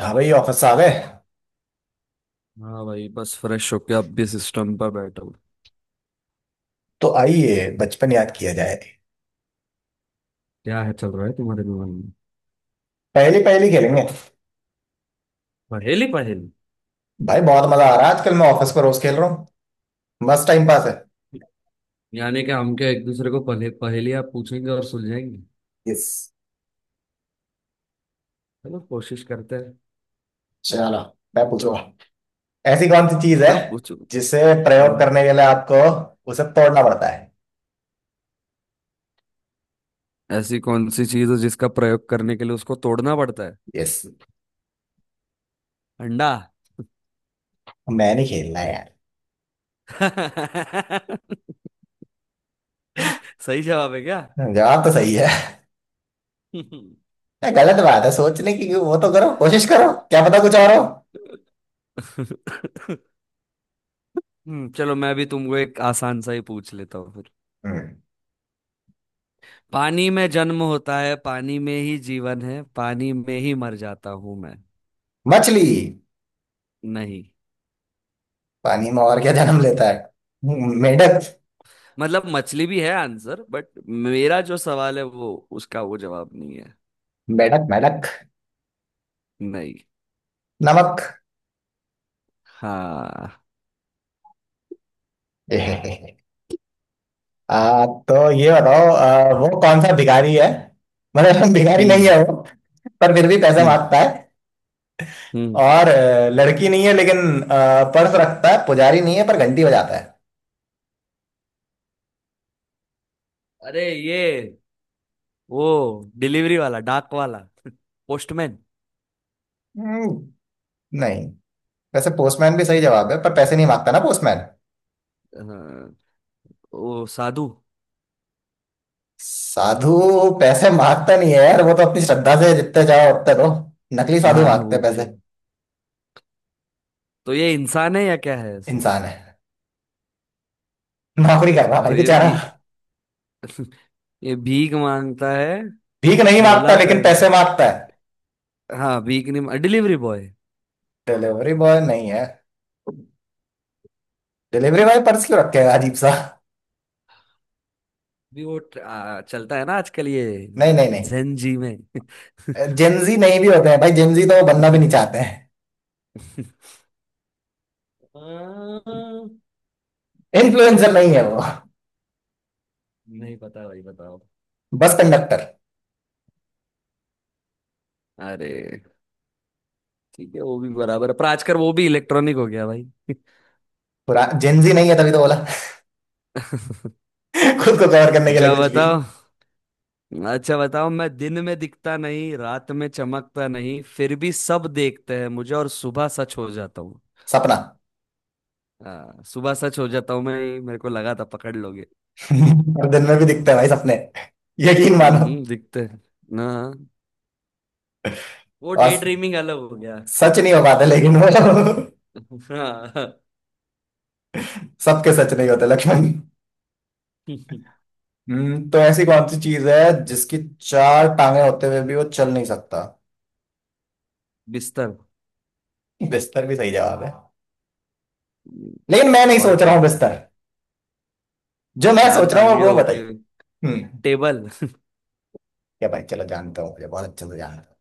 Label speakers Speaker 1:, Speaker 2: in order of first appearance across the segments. Speaker 1: हाँ भाई, ऑफिस आ गए।
Speaker 2: हाँ भाई, बस फ्रेश होके अब भी सिस्टम पर बैठा हूँ।
Speaker 1: तो आइए, बचपन याद किया जाए।
Speaker 2: क्या है, चल रहा है तुम्हारे दिमाग में?
Speaker 1: पहली पहली खेलेंगे।
Speaker 2: पहेली पहेली?
Speaker 1: भाई, बहुत मजा आ रहा है। आजकल मैं ऑफिस पर रोज खेल रहा हूँ। मस्त टाइम पास है।
Speaker 2: यानी कि हम क्या एक दूसरे को पहले पहेलियाँ पूछेंगे और सुलझाएंगे?
Speaker 1: यस।
Speaker 2: चलो कोशिश करते हैं।
Speaker 1: चलो, मैं पूछूंगा। ऐसी कौन सी चीज है
Speaker 2: हाँ पूछो पूछो।
Speaker 1: जिसे
Speaker 2: हाँ,
Speaker 1: प्रयोग करने के लिए आपको उसे तोड़ना पड़ता है?
Speaker 2: ऐसी कौन सी चीज है जिसका प्रयोग करने के लिए उसको तोड़ना पड़ता है?
Speaker 1: यस।
Speaker 2: अंडा।
Speaker 1: मैं नहीं खेलना है यार।
Speaker 2: सही जवाब है क्या?
Speaker 1: जवाब तो सही है। नहीं, गलत बात है सोचने की। वो तो करो, कोशिश करो, क्या पता कुछ और हो।
Speaker 2: चलो मैं भी तुमको एक आसान सा ही पूछ लेता हूँ फिर।
Speaker 1: हम्म।
Speaker 2: पानी में जन्म होता है, पानी में ही जीवन है, पानी में ही मर जाता हूं मैं।
Speaker 1: मछली।
Speaker 2: नहीं।
Speaker 1: पानी में और क्या जन्म लेता है? मेढक।
Speaker 2: मतलब मछली भी है आंसर, बट मेरा जो सवाल है वो उसका वो जवाब नहीं है।
Speaker 1: मेढक मेढक।
Speaker 2: नहीं।
Speaker 1: नमक।
Speaker 2: हाँ।
Speaker 1: तो ये बताओ, वो कौन सा भिखारी है? मतलब भिखारी नहीं
Speaker 2: हम्म।
Speaker 1: है वो। पर फिर भी पैसे
Speaker 2: हम्म।
Speaker 1: मांगता है।
Speaker 2: हम्म।
Speaker 1: और लड़की नहीं है लेकिन पर्स रखता है, पुजारी नहीं है पर घंटी बजाता है।
Speaker 2: अरे ये, वो डिलीवरी वाला, डाक वाला, पोस्टमैन।
Speaker 1: हम्म। नहीं। वैसे पोस्टमैन भी सही जवाब है पर पैसे नहीं मांगता ना पोस्टमैन।
Speaker 2: हाँ, वो साधु।
Speaker 1: साधु। पैसे मांगता नहीं है यार, वो तो अपनी श्रद्धा से जितने चाहो उतने दो। नकली साधु
Speaker 2: हाँ
Speaker 1: मांगते
Speaker 2: वो
Speaker 1: हैं
Speaker 2: भी
Speaker 1: पैसे।
Speaker 2: है। तो ये इंसान है या क्या है ऐसा?
Speaker 1: इंसान है। नौकरी कर रहा
Speaker 2: अच्छा,
Speaker 1: है भाई
Speaker 2: तो ये
Speaker 1: बेचारा।
Speaker 2: भी। ये भीख मांगता है?
Speaker 1: भीख नहीं मांगता
Speaker 2: झोला
Speaker 1: लेकिन
Speaker 2: पहनता
Speaker 1: पैसे
Speaker 2: है।
Speaker 1: मांगता है।
Speaker 2: हाँ वीक नहीं, डिलीवरी बॉय।
Speaker 1: डिलीवरी बॉय नहीं है। डिलीवरी बॉय पर्स क्यों रखेगा, अजीब सा।
Speaker 2: भी वो चलता है ना आजकल ये
Speaker 1: नहीं नहीं नहीं।
Speaker 2: जेन जी में।
Speaker 1: जेंजी नहीं भी होते हैं भाई, जेंजी तो वो बनना भी नहीं चाहते हैं।
Speaker 2: आ,
Speaker 1: इन्फ्लुएंसर नहीं है वो।
Speaker 2: नहीं पता भाई, बताओ।
Speaker 1: Bus conductor.
Speaker 2: अरे! ठीक है वो भी बराबर है, पर आजकल वो भी इलेक्ट्रॉनिक हो गया भाई।
Speaker 1: पूरा जेंजी नहीं है तभी तो बोला। खुद को कवर करने के
Speaker 2: अच्छा
Speaker 1: लिए कुछ भी।
Speaker 2: बताओ। अच्छा बताओ, मैं दिन में दिखता नहीं, रात में चमकता नहीं, फिर भी सब देखते हैं मुझे, और सुबह सच हो जाता हूँ।
Speaker 1: सपना।
Speaker 2: हाँ, सुबह सच हो जाता हूँ मैं। मेरे को लगा था पकड़ लोगे।
Speaker 1: और दिन में भी दिखते हैं भाई सपने। यकीन मानो।
Speaker 2: हम्म, दिखते हैं। ना, वो डे
Speaker 1: और
Speaker 2: ड्रीमिंग अलग हो गया।
Speaker 1: सच नहीं हो पाते लेकिन वो।
Speaker 2: हाँ।
Speaker 1: सबके सच नहीं होते लक्ष्मण। तो ऐसी कौन सी चीज है जिसकी चार टांगे होते हुए भी वो चल नहीं सकता?
Speaker 2: बिस्तर।
Speaker 1: बिस्तर भी सही जवाब है लेकिन मैं नहीं
Speaker 2: और
Speaker 1: सोच
Speaker 2: क्या
Speaker 1: रहा हूँ
Speaker 2: होता है?
Speaker 1: बिस्तर। जो मैं
Speaker 2: चार
Speaker 1: सोच रहा
Speaker 2: टांगे
Speaker 1: हूँ वो
Speaker 2: होके।
Speaker 1: बताइए। हम्म।
Speaker 2: टेबल।
Speaker 1: क्या भाई, चलो जानता हूँ, मुझे बहुत अच्छे से जानता हूँ।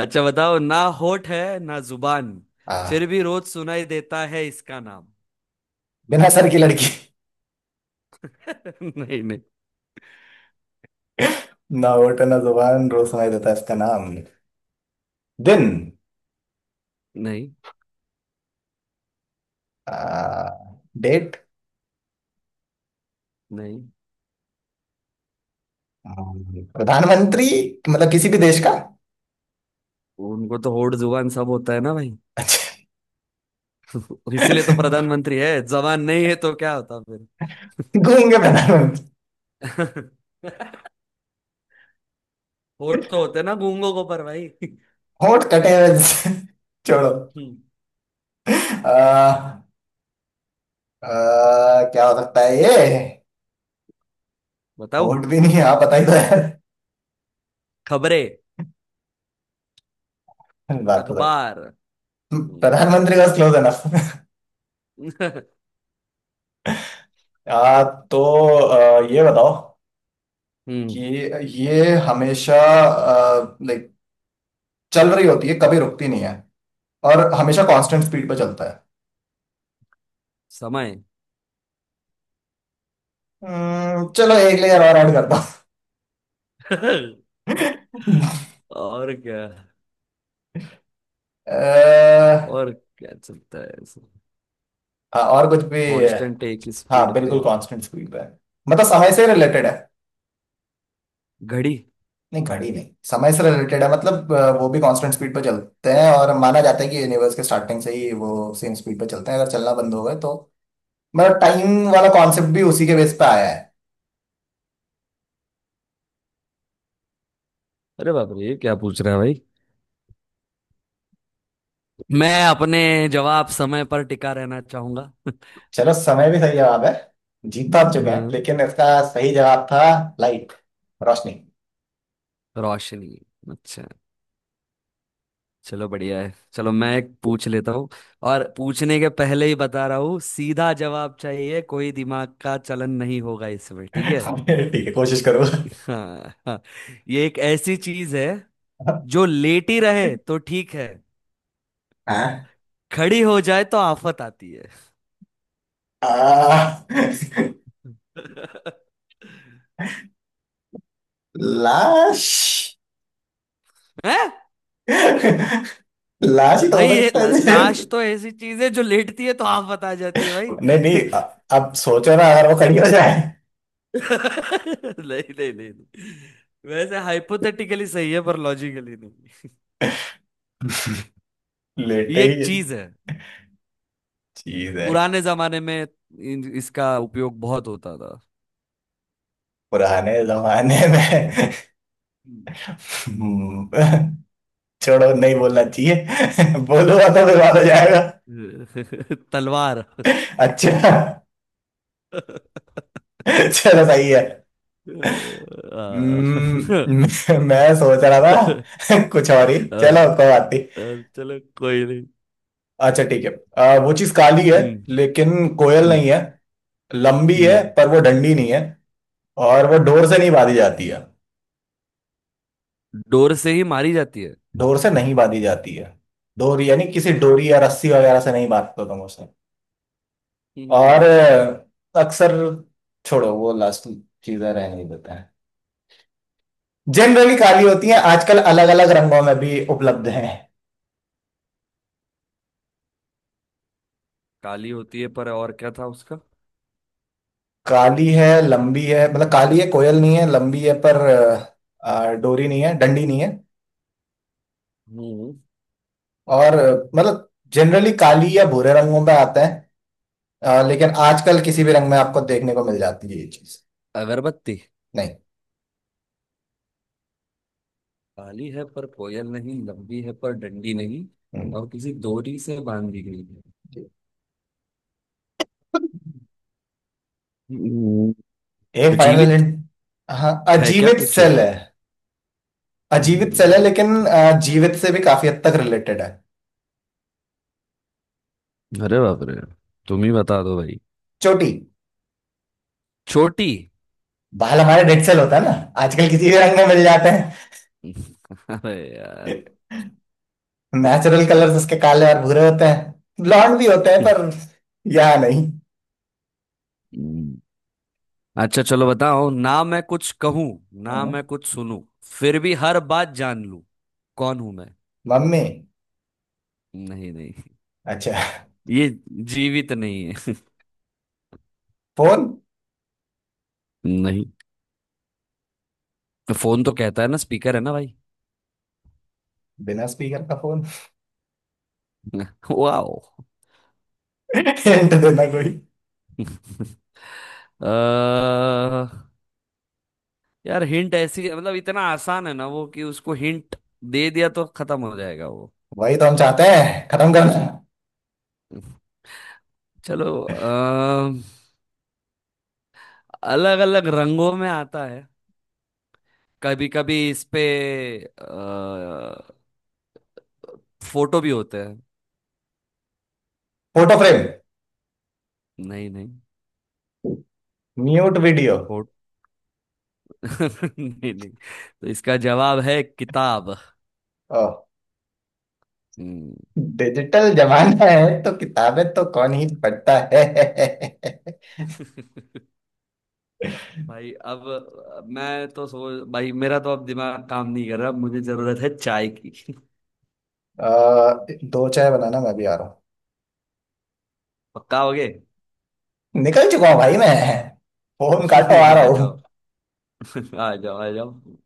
Speaker 2: अच्छा बताओ, ना होठ है ना जुबान,
Speaker 1: आ
Speaker 2: फिर भी रोज सुनाई देता है इसका नाम।
Speaker 1: बिना सर की लड़की।
Speaker 2: नहीं नहीं
Speaker 1: ना होठ ना जुबान, रोज सुनाई देता है इसका नाम। दिन।
Speaker 2: नहीं
Speaker 1: आ, डेट।
Speaker 2: नहीं।
Speaker 1: प्रधानमंत्री। मतलब किसी भी देश का।
Speaker 2: उनको तो होठ जुबान सब होता है ना भाई।
Speaker 1: अच्छा।
Speaker 2: इसीलिए तो प्रधानमंत्री है, जबान नहीं है तो क्या होता।
Speaker 1: घूम गए प्रधानमंत्री।
Speaker 2: फिर। होठ तो होते ना गूंगों को पर भाई।
Speaker 1: होठ कटे हुए से- छोड़ो।
Speaker 2: हम्म,
Speaker 1: आ, आ, क्या हो सकता है ये?
Speaker 2: बताओ।
Speaker 1: होठ भी नहीं, आप बताइए तो यार।
Speaker 2: खबरें।
Speaker 1: बात तो सही।
Speaker 2: अखबार। हम्म।
Speaker 1: प्रधानमंत्री का क्लोज है ना। तो ये बताओ
Speaker 2: हम्म,
Speaker 1: कि ये हमेशा, लाइक, चल रही होती है, कभी रुकती नहीं है और हमेशा कांस्टेंट स्पीड पे चलता है।
Speaker 2: समय।
Speaker 1: चलो एक लेयर और ऐड करता हूँ।
Speaker 2: और क्या?
Speaker 1: अ,
Speaker 2: और क्या चलता है ऐसे
Speaker 1: हाँ, और कुछ भी।
Speaker 2: कांस्टेंट एक
Speaker 1: हाँ,
Speaker 2: स्पीड पे?
Speaker 1: बिल्कुल कांस्टेंट स्पीड पे है। मतलब समय से रिलेटेड है।
Speaker 2: घड़ी।
Speaker 1: नहीं घड़ी नहीं, समय से रिलेटेड है मतलब वो भी कांस्टेंट स्पीड पे चलते हैं और माना जाता है कि यूनिवर्स के स्टार्टिंग से ही वो सेम स्पीड पे चलते हैं, अगर चलना बंद हो गए तो मतलब टाइम वाला कॉन्सेप्ट भी उसी के बेस पे आया है।
Speaker 2: अरे बाप रे, ये क्या पूछ रहा है भाई! मैं अपने जवाब समय पर टिका रहना चाहूंगा।
Speaker 1: चलो, समय भी सही जवाब है। जीत तो आप चुके हैं
Speaker 2: हम्म,
Speaker 1: लेकिन इसका सही जवाब था लाइट, रोशनी।
Speaker 2: रोशनी। अच्छा, चलो बढ़िया है। चलो मैं एक पूछ लेता हूँ। और पूछने के पहले ही बता रहा हूँ, सीधा जवाब चाहिए, कोई दिमाग का चलन नहीं होगा इसमें, ठीक है?
Speaker 1: ठीक है, कोशिश करूंगा।
Speaker 2: हाँ हाँ। ये एक ऐसी चीज है, जो लेटी रहे तो ठीक है,
Speaker 1: हाँ।
Speaker 2: खड़ी हो जाए तो आफत आती है।
Speaker 1: आ, लाश।
Speaker 2: हैं?
Speaker 1: लाश ही तो
Speaker 2: भाई
Speaker 1: हो
Speaker 2: ये
Speaker 1: सकता है।
Speaker 2: लाश तो ऐसी चीज है जो लेटती है तो आफत आ जाती है भाई।
Speaker 1: नहीं नहीं अब सोचो ना, अगर वो खड़ी हो जाए।
Speaker 2: नहीं नहीं नहीं नहीं। वैसे हाइपोथेटिकली सही है पर लॉजिकली नहीं।
Speaker 1: लेटे
Speaker 2: ये एक
Speaker 1: ही
Speaker 2: चीज है,
Speaker 1: चीज है।
Speaker 2: पुराने जमाने में इसका उपयोग बहुत होता था।
Speaker 1: पुराने जमाने में।
Speaker 2: हम्म।
Speaker 1: हम्म। छोड़ो, नहीं बोलना चाहिए, बोलूंगा तो बर्बाद हो जाएगा।
Speaker 2: तलवार।
Speaker 1: अच्छा।
Speaker 2: आ,
Speaker 1: चलो, सही है। हम्म। मैं सोच रहा था। कुछ और ही,
Speaker 2: आ,
Speaker 1: चलो कोई बात नहीं।
Speaker 2: चलो कोई नहीं।
Speaker 1: अच्छा ठीक है। वो चीज काली है
Speaker 2: हम्म।
Speaker 1: लेकिन कोयल
Speaker 2: हम्म।
Speaker 1: नहीं है। लंबी है
Speaker 2: हम्म।
Speaker 1: पर वो डंडी नहीं है। और वो डोर से नहीं बांधी जाती है।
Speaker 2: डोर से ही मारी जाती है।
Speaker 1: डोर से नहीं बांधी जाती है। डोर यानी किसी डोरी या रस्सी वगैरह से नहीं बांधते तुम उसे।
Speaker 2: हम्म।
Speaker 1: और अक्सर, छोड़ो वो लास्ट चीजें रहने देते हैं। जनरली काली होती हैं,
Speaker 2: हम्म,
Speaker 1: आजकल अलग अलग रंगों में भी उपलब्ध हैं।
Speaker 2: काली होती है, पर और क्या था उसका?
Speaker 1: काली है, लंबी है, मतलब काली है, कोयल नहीं है, लंबी है पर डोरी नहीं है, डंडी नहीं है।
Speaker 2: हम्म।
Speaker 1: और मतलब जनरली काली या भूरे रंगों में आते हैं। लेकिन आजकल किसी भी रंग में आपको देखने को मिल जाती है ये चीज।
Speaker 2: अगरबत्ती।
Speaker 1: नहीं।
Speaker 2: काली है पर कोयल नहीं, लंबी है पर डंडी नहीं,
Speaker 1: हम्म।
Speaker 2: और किसी डोरी से बांधी गई है।
Speaker 1: जी।
Speaker 2: हम्म।
Speaker 1: एक फाइनल
Speaker 2: जीवित।
Speaker 1: हिंट। हाँ,
Speaker 2: है क्या
Speaker 1: अजीवित
Speaker 2: पूछे?
Speaker 1: सेल है। अजीवित सेल है
Speaker 2: हम्म,
Speaker 1: लेकिन जीवित से भी काफी हद तक रिलेटेड है।
Speaker 2: अरे बाप रे, तुम ही बता दो भाई।
Speaker 1: चोटी।
Speaker 2: छोटी।
Speaker 1: बाल हमारे डेड सेल होता है ना। आजकल किसी भी रंग में मिल जाते
Speaker 2: अरे यार।
Speaker 1: हैं। नेचुरल कलर्स उसके काले और भूरे होते हैं, ब्लॉन्ड भी होते हैं पर यहाँ नहीं।
Speaker 2: हम्म। अच्छा चलो बताओ, ना मैं कुछ कहूं, ना
Speaker 1: हाँ।
Speaker 2: मैं कुछ सुनूं, फिर भी हर बात जान लूं। कौन हूं मैं?
Speaker 1: मम्मी।
Speaker 2: नहीं नहीं।
Speaker 1: अच्छा।
Speaker 2: ये जीवित नहीं है।
Speaker 1: फोन।
Speaker 2: नहीं। फोन तो कहता है ना, स्पीकर है ना भाई।
Speaker 1: बिना स्पीकर का फोन?
Speaker 2: वाओ।
Speaker 1: हिंट देना कोई।
Speaker 2: अ, यार हिंट ऐसी, मतलब इतना आसान है ना वो, कि उसको हिंट दे दिया तो खत्म हो जाएगा वो।
Speaker 1: वही तो हम चाहते हैं खत्म करना।
Speaker 2: चलो, अलग अलग रंगों में आता है, कभी कभी इस पे अ, फोटो भी होते हैं।
Speaker 1: Photo frame.
Speaker 2: नहीं नहीं।
Speaker 1: Mute video.
Speaker 2: फोटो। नहीं नहीं, तो इसका जवाब है किताब।
Speaker 1: ओ।
Speaker 2: हम्म।
Speaker 1: डिजिटल जमाना है तो किताबें तो कौन ही पढ़ता है।
Speaker 2: भाई अब, मैं तो सोच, भाई मेरा तो अब दिमाग काम नहीं कर रहा, मुझे जरूरत है चाय की।
Speaker 1: अ, दो चाय बनाना, मैं भी आ रहा
Speaker 2: पक्का हो गए?
Speaker 1: हूँ। निकल चुका हूँ भाई मैं। फोन काटो, आ रहा
Speaker 2: आ जाओ।
Speaker 1: हूँ।
Speaker 2: आ जाओ आ जाओ।